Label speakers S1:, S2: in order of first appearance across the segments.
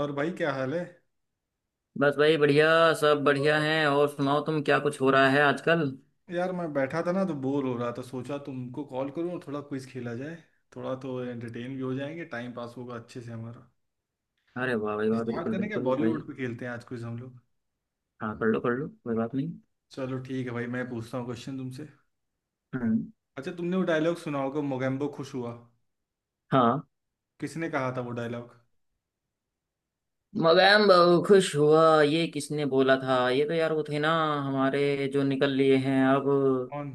S1: और भाई, क्या हाल है?
S2: बस भाई बढ़िया। सब बढ़िया हैं। और सुनाओ तुम, क्या कुछ हो रहा है आजकल?
S1: यार, मैं बैठा था ना तो बोर हो रहा था, सोचा तुमको कॉल करूँ, थोड़ा क्विज खेला जाए। थोड़ा तो एंटरटेन भी हो जाएंगे, टाइम पास होगा अच्छे से हमारा।
S2: अरे वाह भाई वाह,
S1: स्टार्ट
S2: बिल्कुल
S1: करने के
S2: बिल्कुल भाई।
S1: बॉलीवुड पे खेलते हैं आज क्विज हम लोग।
S2: हाँ, कर लो कर लो, कोई बात नहीं।
S1: चलो ठीक है भाई, मैं पूछता हूँ क्वेश्चन तुमसे।
S2: हम्म।
S1: अच्छा, तुमने वो डायलॉग सुना होगा, मोगेम्बो खुश हुआ।
S2: हाँ।
S1: किसने कहा था वो डायलॉग?
S2: मगैम बहु खुश हुआ, ये किसने बोला था? ये तो यार वो थे ना, हमारे, जो निकल लिए हैं अब।
S1: कौन?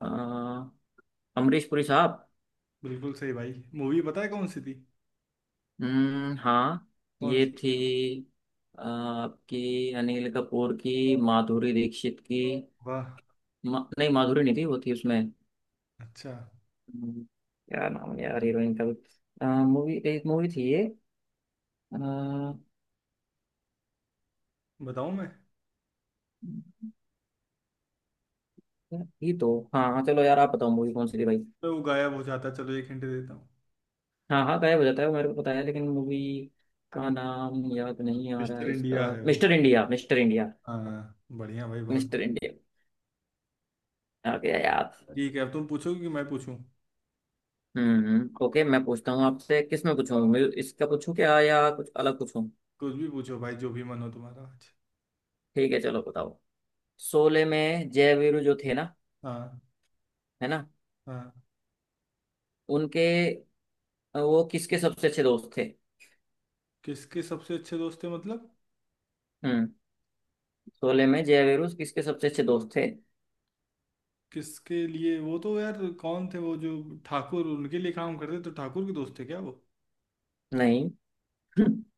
S2: अ, अमरीश पुरी साहब।
S1: बिल्कुल सही भाई। मूवी पता है कौन सी थी?
S2: हम्म। हाँ,
S1: कौन
S2: ये
S1: सी?
S2: थी आपकी, अनिल कपूर की, माधुरी दीक्षित की।
S1: वाह।
S2: नहीं, माधुरी नहीं थी, वो थी उसमें।
S1: अच्छा।
S2: हम्म, क्या नाम है यार हीरोइन का भी, मूवी, एक मूवी थी ये, अ,
S1: बताऊँ मैं?
S2: ये तो। हाँ हाँ, चलो यार, आप बताओ मूवी कौन सी थी भाई।
S1: तो वो गायब हो जाता, चलो एक हिंट देता हूँ।
S2: हाँ हाँ, गायब हो जाता है वो, मेरे को पता है, लेकिन मूवी का नाम याद नहीं आ रहा
S1: मिस्टर
S2: है इसका।
S1: इंडिया है वो।
S2: Mister India, mister India.
S1: हाँ बढ़िया भाई, बहुत।
S2: मिस्टर इंडिया, आ गया याद।
S1: ठीक है, अब तुम पूछोगे कि मैं पूछूं?
S2: हम्म। ओके, मैं पूछता हूँ आपसे, किस में पूछूँ, इसका पूछूं क्या या कुछ अलग पूछूं?
S1: कुछ भी पूछो भाई, जो भी मन हो तुम्हारा आज।
S2: ठीक है, चलो बताओ। शोले में जय वीरू जो थे ना,
S1: हाँ,
S2: है ना?
S1: हाँ।
S2: उनके, वो किसके सबसे अच्छे दोस्त थे?
S1: किसके सबसे अच्छे दोस्त थे मतलब?
S2: हम्म, शोले में जय वीरू किसके सबसे अच्छे दोस्त थे?
S1: किसके लिए? वो तो यार कौन थे वो जो ठाकुर, उनके लिए काम करते, तो ठाकुर के दोस्त थे क्या वो?
S2: नहीं।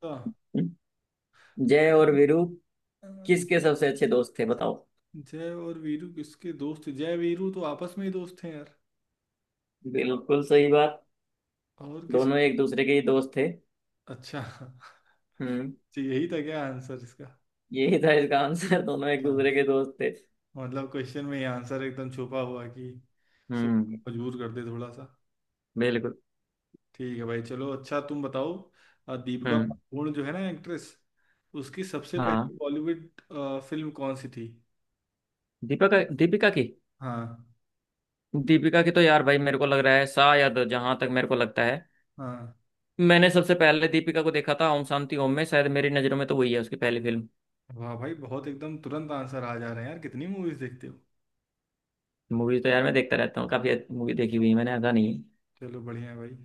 S1: हाँ। तो
S2: जय और
S1: जय
S2: वीरू किसके
S1: अ,
S2: सबसे अच्छे दोस्त थे, बताओ।
S1: जय और वीरू किसके दोस्त थे? जय वीरू तो आपस में ही दोस्त हैं यार।
S2: बिल्कुल सही बात।
S1: और किसी?
S2: दोनों एक दूसरे के ही दोस्त थे।
S1: अच्छा।
S2: हम्म।
S1: तो यही था क्या आंसर इसका?
S2: यही था इसका आंसर। दोनों एक
S1: हाँ।
S2: दूसरे के दोस्त थे।
S1: मतलब क्वेश्चन में ही आंसर एकदम छुपा हुआ कि सो-
S2: हम्म।
S1: मजबूर कर दे थोड़ा सा।
S2: बिल्कुल।
S1: ठीक है भाई, चलो अच्छा तुम बताओ। दीपिका
S2: हम्म।
S1: पादुकोण जो है ना, एक्ट्रेस, उसकी सबसे
S2: हाँ,
S1: पहली बॉलीवुड फिल्म कौन सी थी?
S2: दीपिका, दीपिका की।
S1: हाँ,
S2: दीपिका की तो यार भाई, मेरे को लग रहा है शायद, जहां तक मेरे को लगता है,
S1: हाँ।
S2: मैंने सबसे पहले दीपिका को देखा था ओम शांति ओम में, शायद मेरी नजरों में तो वही है उसकी पहली फिल्म।
S1: वाह भाई बहुत, एकदम तुरंत आंसर आ जा रहे हैं यार, कितनी मूवीज देखते हो।
S2: मूवी तो यार मैं देखता रहता हूँ, काफी मूवी देखी हुई है मैंने, ऐसा नहीं है।
S1: चलो बढ़िया है भाई।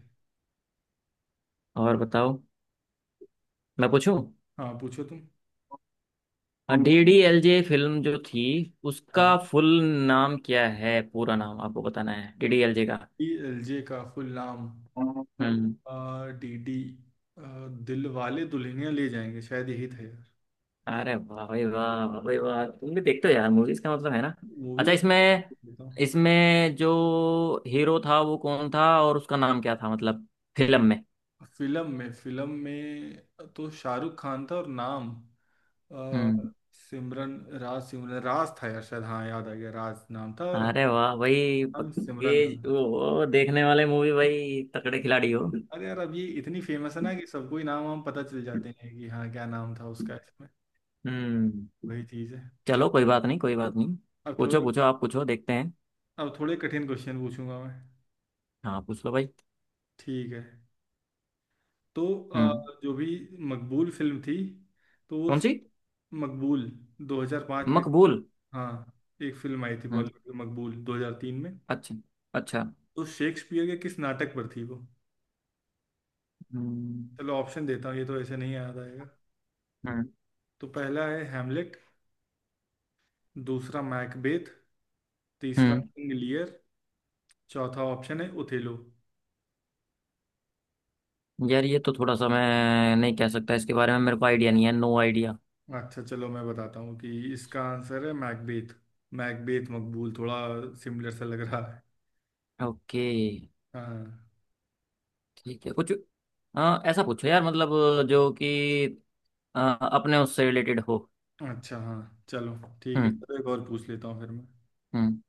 S2: और बताओ। मैं पूछूं?
S1: हाँ पूछो तुम।
S2: DDLJ फिल्म जो थी,
S1: हाँ,
S2: उसका फुल नाम क्या है? पूरा नाम आपको बताना है DDLJ का।
S1: डी एल जे का फुल नाम?
S2: हम्म, हम्म
S1: D D Dilwale Dulhania ले जाएंगे, शायद यही था यार।
S2: अरे वाह भाई वाह, वाह भाई वाह, तुम भी देखते हो यार मूवीज, का मतलब है ना? अच्छा,
S1: मूवीज।
S2: इसमें इसमें जो हीरो था वो कौन था, और उसका नाम क्या था, मतलब फिल्म में।
S1: फिल्म में, फिल्म में तो शाहरुख खान था, और नाम अ,
S2: हम्म।
S1: सिमरन। राज, सिमरन, राज था यार शायद, हाँ याद आ गया, राज नाम था और
S2: अरे वाह भाई
S1: नाम
S2: पक्के।
S1: सिमरन था।
S2: वो देखने वाले मूवी भाई, तगड़े खिलाड़ी हो।
S1: अरे यार, अब ये इतनी फेमस है ना कि सबको ही नाम वाम पता चल जाते हैं, कि हाँ क्या नाम था उसका इसमें।
S2: हम्म।
S1: वही चीज़ है। चल,
S2: चलो, कोई बात नहीं, कोई बात नहीं।
S1: अब थोड़ा,
S2: पूछो पूछो, आप पूछो, देखते हैं।
S1: अब थोड़े कठिन क्वेश्चन पूछूंगा मैं।
S2: हाँ, पूछ लो भाई।
S1: ठीक है। तो
S2: हम्म।
S1: अ, जो भी मकबूल फिल्म थी, तो वो
S2: कौन सी?
S1: मकबूल 2005 में,
S2: मकबूल।
S1: हाँ, एक फिल्म आई थी
S2: हम्म।
S1: बॉलीवुड की, मकबूल 2003 में,
S2: अच्छा, अच्छा।
S1: तो शेक्सपियर के किस नाटक पर थी वो?
S2: हम्म।
S1: चलो ऑप्शन देता हूँ, ये तो ऐसे नहीं याद आएगा।
S2: हम्म।
S1: तो पहला है हैमलेट, दूसरा मैकबेथ, तीसरा
S2: हम्म।
S1: किंग लियर, चौथा ऑप्शन है ओथेलो।
S2: यार ये तो थोड़ा सा मैं नहीं कह सकता, इसके बारे में मेरे को आइडिया नहीं है, नो आइडिया।
S1: अच्छा चलो मैं बताता हूँ कि इसका आंसर है मैकबेथ। मैकबेथ, मकबूल, थोड़ा सिमिलर सा लग रहा है।
S2: ओके।
S1: हाँ।
S2: ठीक है कुछ, हाँ ऐसा पूछो यार, मतलब जो कि अ, अपने उससे रिलेटेड हो।
S1: अच्छा, हाँ चलो। ठीक है,
S2: हम्म।
S1: चलो एक और पूछ लेता हूँ फिर मैं।
S2: हम्म।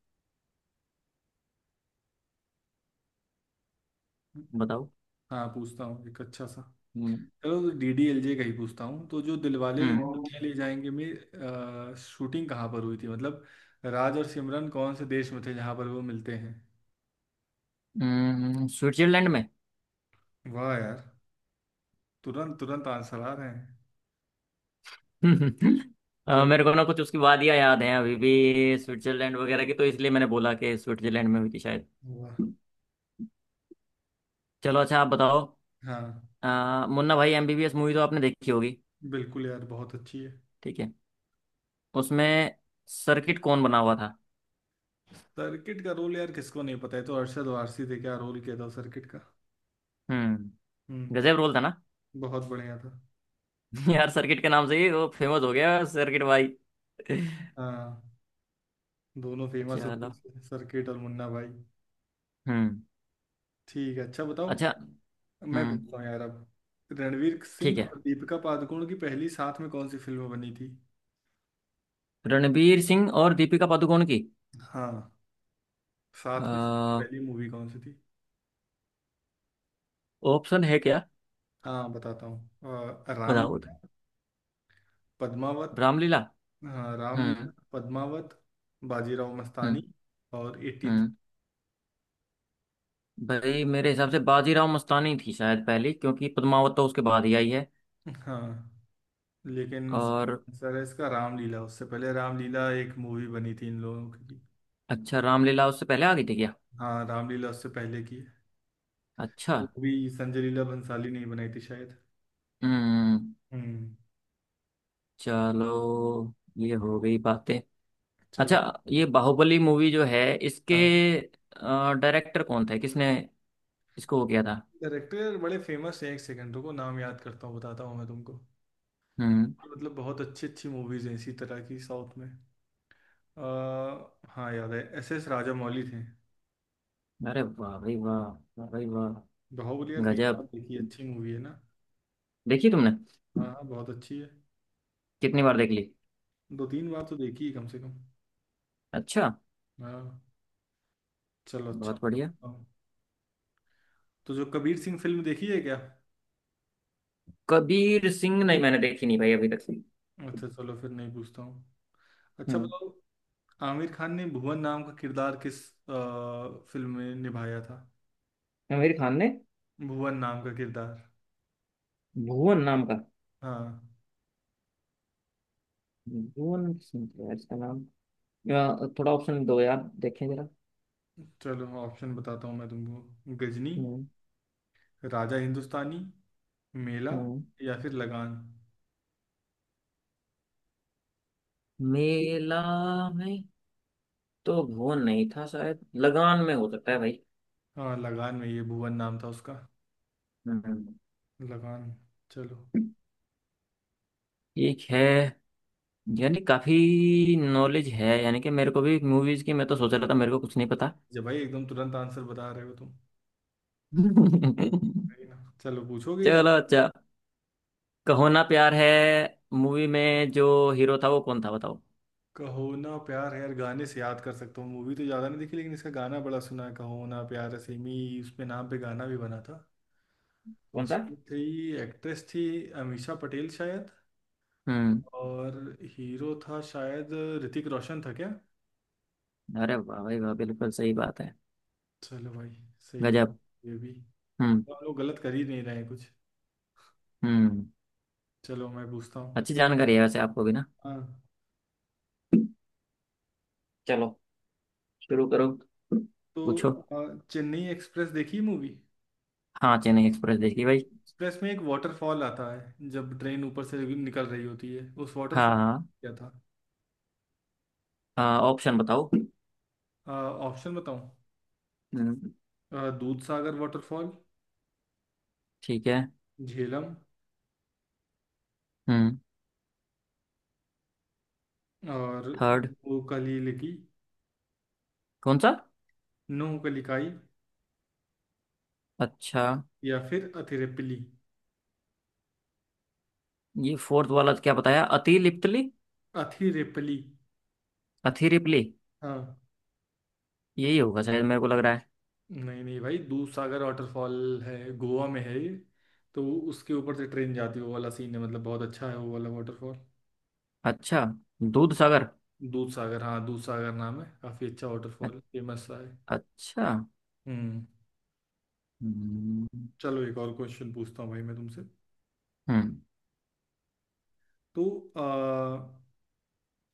S2: बताओ।
S1: हाँ पूछता हूँ एक अच्छा सा।
S2: हम्म।
S1: चलो डीडीएलजे का ही पूछता हूँ। तो जो दिलवाले
S2: हम्म।
S1: दुल्हनिया ले जाएंगे में शूटिंग कहाँ पर हुई थी मतलब? राज और सिमरन कौन से देश में थे जहाँ पर वो मिलते हैं?
S2: स्विट्जरलैंड में।
S1: वाह यार, तुरंत तुरंत आंसर आ रहे हैं।
S2: हम्म।
S1: चल,
S2: मेरे को ना कुछ उसकी वादियाँ याद हैं अभी भी, स्विट्जरलैंड वगैरह की, तो इसलिए मैंने बोला कि स्विट्जरलैंड में हुई थी शायद।
S1: वाह।
S2: चलो, अच्छा आप बताओ।
S1: हाँ
S2: मुन्ना भाई MBBS मूवी तो आपने देखी होगी।
S1: बिल्कुल यार, बहुत अच्छी है।
S2: ठीक है। उसमें सर्किट कौन बना हुआ था?
S1: सर्किट का रोल यार, किसको नहीं पता है? तो अरशद वारसी थे, क्या रोल किया था सर्किट का।
S2: हम्म। गजब
S1: हम्म।
S2: रोल था ना।
S1: बहुत बढ़िया था।
S2: यार सर्किट के नाम से ही वो फेमस हो गया, सर्किट भाई।
S1: हाँ, दोनों फेमस होते
S2: चलो।
S1: थे, सर्किट और मुन्ना भाई।
S2: हम्म।
S1: ठीक है, अच्छा
S2: अच्छा।
S1: बताओ। मैं
S2: हम्म।
S1: पूछता हूँ यार अब, रणवीर
S2: ठीक
S1: सिंह
S2: है,
S1: और दीपिका पादुकोण की पहली साथ में कौन सी फिल्म बनी थी?
S2: रणबीर सिंह और दीपिका पादुकोण की।
S1: हाँ, साथ में सबसे पहली मूवी कौन सी थी?
S2: ऑप्शन है क्या?
S1: हाँ बताता हूँ,
S2: बताओ तो।
S1: रामलीला, पद्मावत,
S2: रामलीला।
S1: हाँ
S2: हम्म।
S1: रामलीला, पद्मावत, बाजीराव मस्तानी
S2: हम्म।
S1: और 83।
S2: हम्म। भाई मेरे हिसाब से बाजीराव मस्तानी थी शायद पहले, क्योंकि पद्मावत तो उसके बाद ही आई है।
S1: हाँ, लेकिन
S2: और?
S1: आंसर है इसका रामलीला, उससे पहले रामलीला एक मूवी बनी थी इन लोगों की।
S2: अच्छा, रामलीला उससे पहले आ गई थी क्या?
S1: हाँ, रामलीला उससे पहले की है।
S2: अच्छा।
S1: वो भी संजय लीला भंसाली ने ही बनाई थी शायद।
S2: हम्म।
S1: हम्म।
S2: चलो, ये हो गई बातें।
S1: चलो।
S2: अच्छा, ये बाहुबली मूवी जो है, इसके
S1: हाँ
S2: डायरेक्टर कौन थे, किसने इसको वो किया था?
S1: डायरेक्टर बड़े फेमस हैं, एक सेकंड रुको, नाम याद करता हूँ बताता हूँ मैं तुमको।
S2: हम्म।
S1: ये मतलब बहुत अच्छी अच्छी मूवीज हैं इसी तरह की साउथ में। आ, हाँ याद है, एस एस राजामौली थे।
S2: अरे वाह भाई वाह, वाह भाई वाह।
S1: बाहुबली यार कई
S2: गजब।
S1: बार देखी है, अच्छी मूवी है ना?
S2: देखी तुमने?
S1: हाँ हाँ, बहुत अच्छी है।
S2: कितनी बार देख ली?
S1: दो तीन बार तो देखी है कम से कम।
S2: अच्छा।
S1: हाँ। चलो अच्छा
S2: बहुत बढ़िया।
S1: पूछता हूँ। तो जो कबीर सिंह फिल्म देखी है क्या?
S2: कबीर सिंह नहीं, मैंने देखी नहीं भाई अभी तक।
S1: अच्छा चलो फिर नहीं पूछता हूँ। अच्छा
S2: हम्म।
S1: बताओ, आमिर खान ने भुवन नाम का किरदार किस आ, फिल्म में निभाया था?
S2: आमिर खान ने
S1: भुवन नाम का किरदार,
S2: भुवन नाम का।
S1: हाँ।
S2: भुवन सिंह है यार इसका नाम। या, थोड़ा ऑप्शन दो यार, देखें जरा।
S1: चलो ऑप्शन बताता हूँ मैं तुमको, गजनी,
S2: हम्म,
S1: राजा हिंदुस्तानी, मेला,
S2: हम्म।
S1: या फिर लगान।
S2: मेला में तो भुवन नहीं था शायद, लगान में हो सकता है भाई।
S1: हाँ, लगान में ये भुवन नाम था उसका,
S2: हम्म।
S1: लगान। चलो,
S2: एक है, यानी काफी नॉलेज है, यानी कि मेरे को भी मूवीज की, मैं तो सोच रहा था मेरे को कुछ नहीं पता।
S1: जब भाई एकदम तुरंत आंसर बता रहे हो तुम, सही ना? चलो, पूछोगे यार?
S2: चलो, अच्छा। कहो ना प्यार है मूवी में जो हीरो था वो कौन था, बताओ।
S1: कहो ना प्यार है, यार गाने से याद कर सकता हूँ, मूवी तो ज़्यादा नहीं देखी, लेकिन इसका गाना बड़ा सुना है, कहो ना प्यार है सेमी उसपे, नाम पे गाना भी बना था। तो
S2: कौन सा?
S1: उसमें थी एक्ट्रेस, थी अमीषा पटेल शायद,
S2: हम्म।
S1: और हीरो था शायद ऋतिक रोशन, था क्या?
S2: अरे वाह भाई वाह, बिल्कुल सही बात है।
S1: चलो भाई, सही हो।
S2: गजब।
S1: ये भी
S2: हम्म।
S1: तो हम लोग गलत कर ही नहीं रहे हैं कुछ।
S2: हम्म।
S1: चलो मैं पूछता हूँ।
S2: अच्छी जानकारी है वैसे आपको भी ना।
S1: हाँ,
S2: चलो, शुरू करो,
S1: तो
S2: पूछो।
S1: चेन्नई एक्सप्रेस देखी मूवी?
S2: हाँ, चेन्नई एक्सप्रेस देखी भाई।
S1: एक्सप्रेस में एक वाटरफॉल आता है जब ट्रेन ऊपर से निकल रही होती है, उस वाटरफॉल
S2: हाँ हाँ।
S1: क्या था?
S2: हाँ, ऑप्शन बताओ।
S1: ऑप्शन बताऊँ?
S2: हम्म।
S1: दूध सागर वाटरफॉल,
S2: ठीक है।
S1: झेलम,
S2: हम्म।
S1: और
S2: थर्ड।
S1: नोकली लिकी,
S2: कौन सा?
S1: नोकलिकाई,
S2: अच्छा,
S1: या फिर अथिरेपली,
S2: ये फोर्थ वाला क्या बताया, अतिलिप्तली?
S1: अथिरेपली।
S2: अथिरिप्ली।
S1: हाँ,
S2: यही होगा शायद, मेरे को लग रहा है।
S1: नहीं नहीं भाई, दूधसागर वाटरफॉल है, गोवा में है ये, तो उसके ऊपर से ट्रेन जाती है, वो वाला सीन है, मतलब बहुत अच्छा है वो वाला वाटरफॉल।
S2: अच्छा। दूध सागर।
S1: दूधसागर, हाँ दूधसागर नाम है, काफ़ी अच्छा
S2: अ-
S1: वाटरफॉल, फेमस सा है।
S2: अच्छा।
S1: हम्म।
S2: हम्म।
S1: चलो एक और क्वेश्चन पूछता हूँ भाई मैं तुमसे।
S2: हम्म।
S1: तो आ,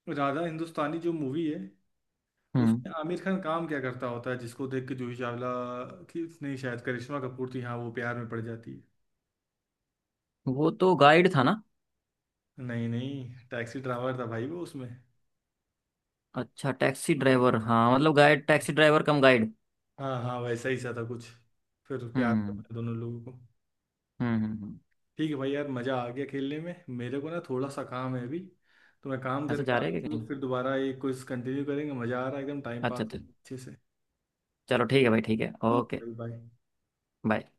S1: राधा हिंदुस्तानी जो मूवी है,
S2: हम्म,
S1: उसमें आमिर खान काम क्या करता होता है, जिसको देख के जूही चावला, थी नहीं शायद, करिश्मा कपूर थी हाँ, वो प्यार में पड़ जाती है।
S2: वो तो गाइड था ना?
S1: नहीं नहीं, टैक्सी ड्राइवर था भाई वो उसमें।
S2: अच्छा, टैक्सी ड्राइवर, हाँ मतलब guide, taxi driver cum guide.
S1: हाँ हाँ, वैसा ही सा था कुछ, फिर प्यार
S2: हम्म।
S1: करने दोनों लोगों को।
S2: हम्म।
S1: ठीक है भाई, यार मज़ा आ गया खेलने में, मेरे को ना थोड़ा सा काम है अभी, तो मैं काम
S2: अच्छा,
S1: करके
S2: जा
S1: आता
S2: रहे
S1: हूँ,
S2: हैं क्या
S1: हम लोग
S2: कहीं?
S1: फिर दोबारा ये क्विज कंटिन्यू करेंगे, मज़ा आ रहा है एकदम, टाइम पास
S2: अच्छा,
S1: हो
S2: अच्छा।
S1: रहा है अच्छे से।
S2: चलो ठीक है भाई, ठीक है,
S1: ठीक
S2: ओके।
S1: है भाई, बाय।
S2: बाय।